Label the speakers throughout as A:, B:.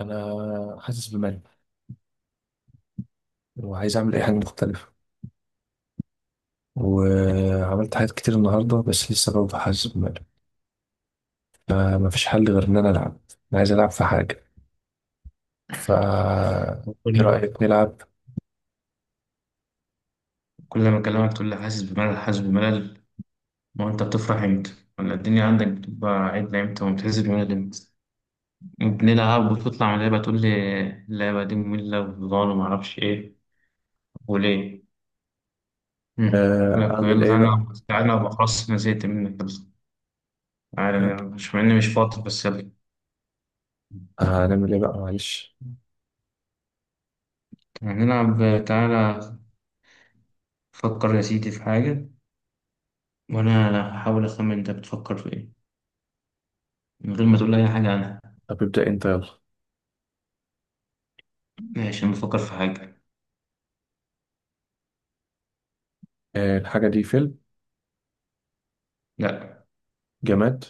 A: انا حاسس بملل، وعايز اعمل اي حاجه مختلفه، وعملت حاجات كتير النهارده، بس لسه برضه حاسس بملل. فما فيش حل غير ان انا العب. انا عايز العب في حاجه. ف ايه
B: كل
A: رايك نلعب؟
B: كل ما أكلمك تقول لي حاسس بملل حاسس بملل. ما هو أنت بتفرح إمتى؟ ولا الدنيا عندك بتبقى عدلة إمتى وبتحس بملل إمتى؟ بنلعب وتطلع من اللعبة تقول لي اللعبة دي مملة وضال ومعرفش إيه وليه؟ مم. أقول لك
A: اعمل
B: يلا
A: ايه
B: تعالى
A: بقى.
B: نلعب، تعالى نلعب، خلاص أنا زهقت منك، يلا تعالى نلعب، مش مع إني مش فاضي بس يلا
A: هنعمل ايه بقى معلش.
B: يعني نلعب، تعالى. فكر يا سيدي في حاجة وأنا هحاول أخمن أنت بتفكر في إيه من غير ما تقول لي أي حاجة عنها.
A: طب ابدا انت يلا.
B: ماشي، أنا بفكر في حاجة.
A: الحاجه دي فيلم؟
B: لأ،
A: جماد.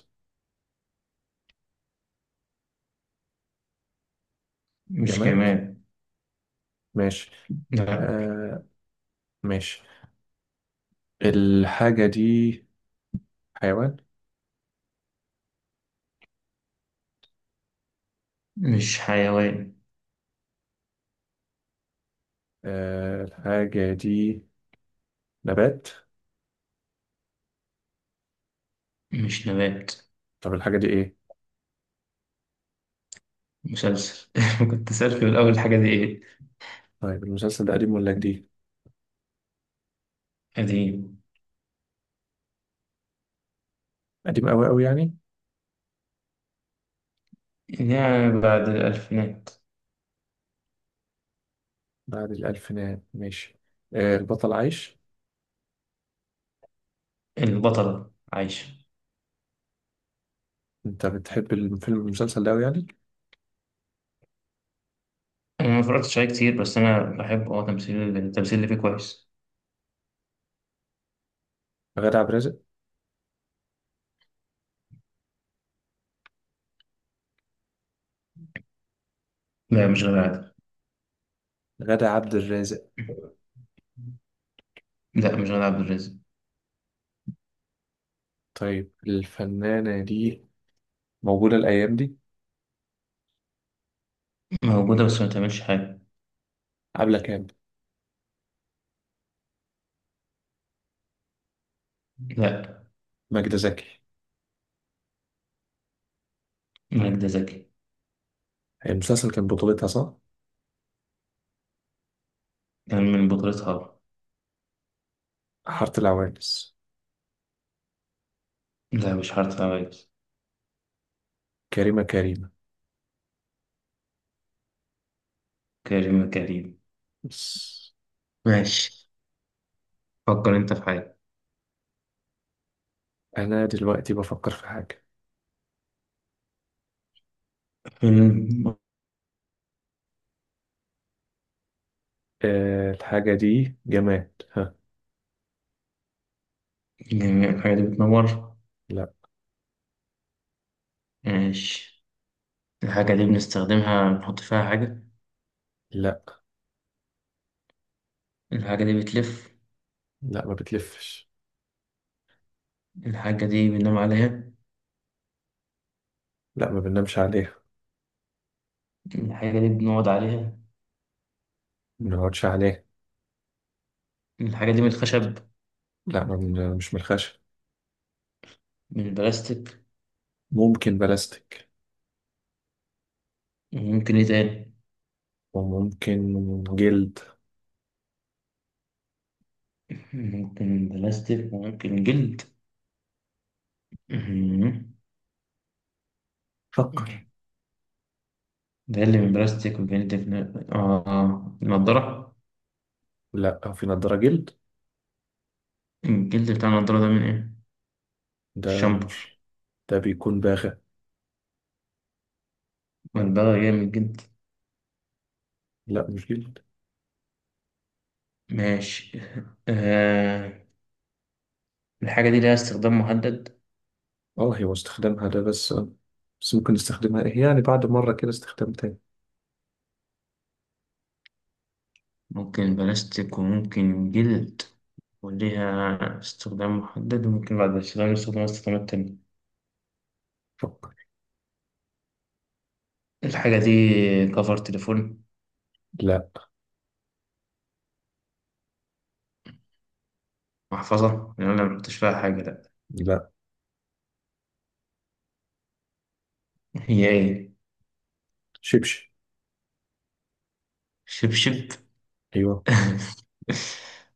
B: مش
A: جماد.
B: جماد.
A: ماشي.
B: لا
A: آه، ماشي. الحاجه دي حيوان؟
B: مش حيوان.
A: الحاجه دي نبات؟
B: مش نبات.
A: طب الحاجه دي ايه؟
B: مسلسل. كنت سألت في الأول الحاجة دي إيه؟
A: طيب المسلسل ده قديم ولا جديد؟
B: قديم.
A: قديم أوي أوي يعني.
B: يعني بعد الألفينات.
A: بعد الألفينات ماشي. البطل عايش؟
B: البطلة عايشة.
A: أنت بتحب المسلسل ده أوي يعني؟
B: أنا ما اتفرجتش عليه كتير، بس أنا بحب تمثيل، التمثيل اللي فيه كويس.
A: غادة عبد الرازق.
B: لا مش غادة عادل.
A: غادة عبد الرازق.
B: لا مش غادة عبد الرازق.
A: طيب الفنانة دي موجودة الأيام دي؟
B: موجودة بس ما تعملش حاجة.
A: عبلة كامل.
B: لا،
A: ماجدة زكي.
B: ماجدة زكي.
A: المسلسل كان بطولتها صح؟
B: كان من بطولتها.
A: حارة العوانس.
B: لا مش حارة عوايز.
A: كريمة كريمة.
B: كريم كريم.
A: بس.
B: ماشي، فكر أنت في حاجة.
A: أنا دلوقتي بفكر في حاجة.
B: فيلم.
A: الحاجة دي جماد ها؟
B: جميع الحاجات دي بتنور.
A: لا.
B: ماشي. الحاجة دي بنستخدمها، بنحط فيها حاجة.
A: لا.
B: الحاجة دي بتلف.
A: لا ما بتلفش.
B: الحاجة دي بننام عليها.
A: لا ما بننامش عليها.
B: الحاجة دي بنقعد عليها.
A: ما بنقعدش عليه.
B: الحاجة دي من الخشب.
A: لا ما بن- مش من الخشب.
B: من البلاستيك.
A: ممكن بلاستيك
B: ممكن ايه تاني؟
A: وممكن جلد.
B: ممكن بلاستيك وممكن جلد. مم.
A: فكر.
B: ده اللي من بلاستيك وجلد من، اه، نضارة.
A: لا في نضارة جلد.
B: الجلد بتاع النضارة ده من ايه؟
A: ده
B: الشامبر.
A: مش ده بيكون باغة.
B: والبغل جاي من الجلد.
A: لا مش جلد.
B: ماشي. آه. الحاجة دي ليها استخدام محدد.
A: اه هي واستخدامها ده بس، بس ممكن نستخدمها ايه يعني بعد مرة كده استخدام تاني.
B: ممكن بلاستيك وممكن جلد، وليها استخدام محدد، وممكن بعد الاستخدام استخدامات تانية.
A: فكر.
B: الحاجة دي كفر تليفون؟
A: لا.
B: محفظة، لأن أنا مكنتش فيها حاجة؟ لأ.
A: لا.
B: هي إيه؟
A: شبشب.
B: شبشب؟
A: ايوه.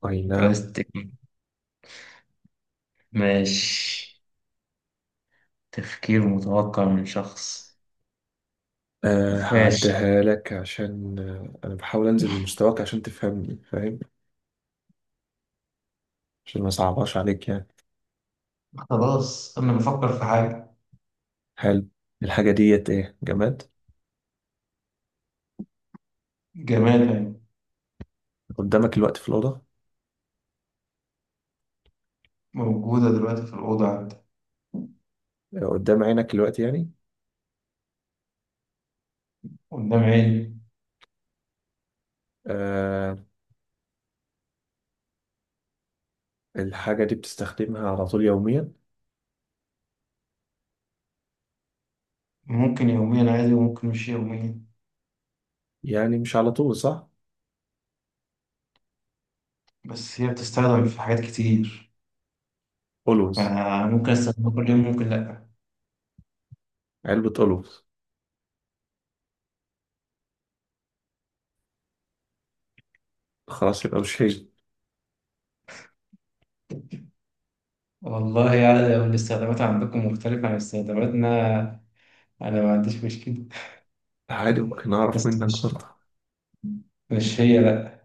A: اي نعم.
B: بلاستيك. ماشي. تفكير متوقع من شخص. ماشي.
A: هعديها لك عشان انا بحاول انزل لمستواك عشان تفهمني فاهم. عشان ما صعباش عليك يعني.
B: خلاص أنا بفكر في حاجة.
A: هل الحاجة ديت ايه جماد؟
B: جماد يعني.
A: قدامك الوقت في الأوضة؟
B: موجودة دلوقتي في الأوضة عندي.
A: قدام عينك الوقت يعني.
B: قدام عيني.
A: آه الحاجة دي بتستخدمها على طول يوميا؟
B: ممكن يوميا عادي وممكن مش يوميا.
A: يعني مش على طول صح؟
B: بس هي بتستخدم في حاجات كتير،
A: ألوز؟
B: فأنا ممكن استخدمها كل يوم، ممكن لأ.
A: علبة ألوز. خلاص يبقى مش هي.
B: والله يعني لو الاستخدامات عندكم مختلفة عن استخداماتنا أنا ما عنديش مشكلة.
A: عادي ممكن أعرف
B: بس
A: منك
B: مش
A: برضه.
B: مش هي، لأ.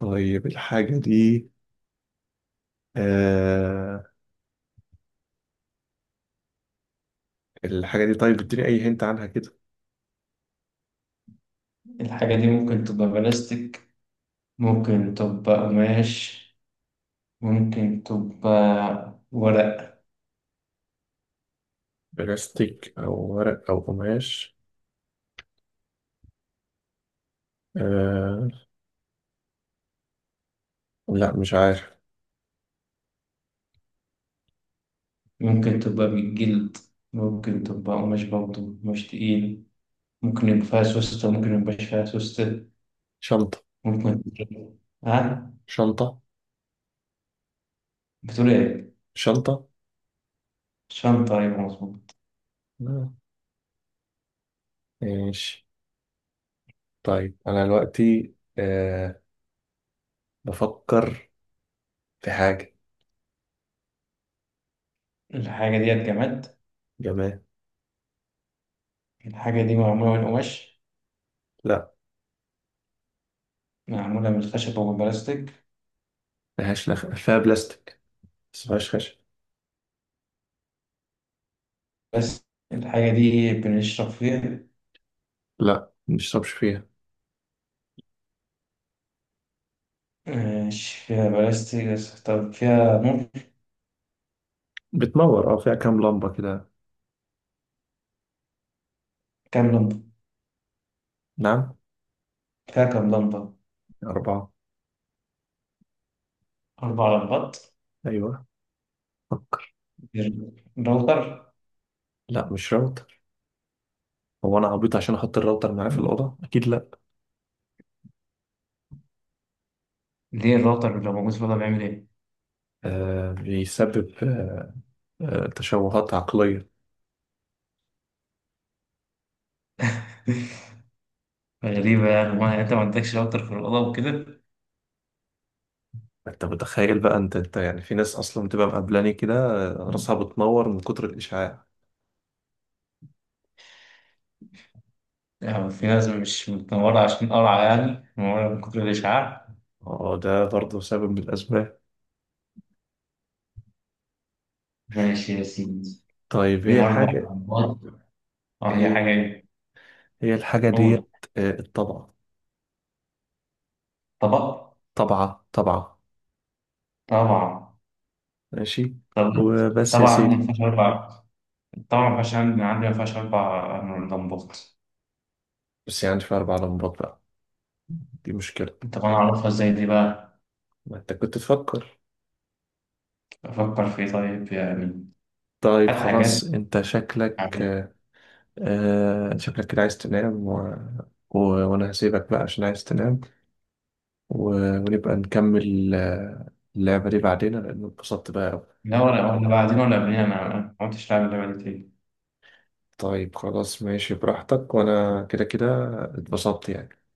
A: طيب الحاجة دي. آه الحاجة دي طيب اديني أي هنت عنها كده.
B: الحاجة دي ممكن تبقى بلاستيك، ممكن تبقى قماش، ممكن تبقى ورق،
A: بلاستيك أو ورق أو قماش؟ آه لا مش عارف.
B: ممكن تبقى بالجلد، ممكن تبقى قماش برضه، قماش تقيل. ممكن يبقى فيها سوستة، ممكن ميبقاش فيها سوستة.
A: شنطة؟
B: ممكن. ها؟
A: شنطة؟
B: بتقول إيه؟
A: شنطة.
B: شنطة؟ أيوة مظبوط.
A: آه، ماشي. طيب أنا دلوقتي بفكر في حاجة.
B: الحاجة ديت جماد.
A: جماد.
B: الحاجة دي معمولة من قماش؟
A: لا
B: معمولة من خشب أو من بلاستيك؟
A: ملهاش فيها بلاستيك، بس ملهاش خشب.
B: بس. الحاجة دي بنشرب فيها؟
A: لا مبنشربش فيها.
B: مش فيها بلاستيك بس طب فيها، ممكن.
A: بتنور. اه فيها كام لمبة كده.
B: كام لمبة؟
A: نعم.
B: فيها كام لمبة؟
A: أربعة.
B: 4 لمبات.
A: أيوة. فكر.
B: الراوتر.
A: لا مش راوتر. هو أنا عبيط عشان أحط الراوتر معايا في الأوضة؟ أكيد لا.
B: ليه الراوتر لو موجود في الأوضة بيعمل إيه؟
A: بيسبب تشوهات عقلية.
B: غريبة، يعني ما يعني أنت ما عندكش راوتر في الأوضة وكده؟
A: أنت متخيل بقى أنت يعني في ناس أصلا بتبقى مقبلاني كده. راسها بتنور من كتر الإشعاع.
B: يعني في ناس مش متنورة عشان قرعة، يعني منورة من كتر الإشعاع.
A: اه ده برضه سبب من الأسباب.
B: ماشي يا سيدي.
A: طيب هي
B: فيها أربع
A: الحاجة.
B: لمبات اه هي
A: هي
B: حاجة ايه؟
A: هي الحاجة
B: قول.
A: ديت الطبق.
B: طبق؟
A: طبعة طبعة.
B: طبعا.
A: ماشي.
B: طبعا.
A: وبس يا
B: طبعا
A: سيدي.
B: ما فيهاش 4. طبعا ما فيهاش، عندي ما فيهاش 4 لمبات.
A: بس يعني في أربع لمبات بقى. دي مشكلة.
B: طب أنا أعرفها إزاي دي بقى؟
A: ما أنت كنت تفكر.
B: أفكر في إيه طيب يعني؟
A: طيب
B: هات
A: خلاص
B: حاجات
A: أنت شكلك
B: عادية.
A: آه شكلك كده عايز تنام وأنا هسيبك بقى عشان عايز تنام. و... ونبقى نكمل اللعبة دي بعدين لأن اتبسطت بقى أوي.
B: لا ولا، بعدين ولا قبلين، أنا ما كنتش لاعب اللعبة دي تاني.
A: طيب خلاص ماشي براحتك وأنا كده كده اتبسطت يعني.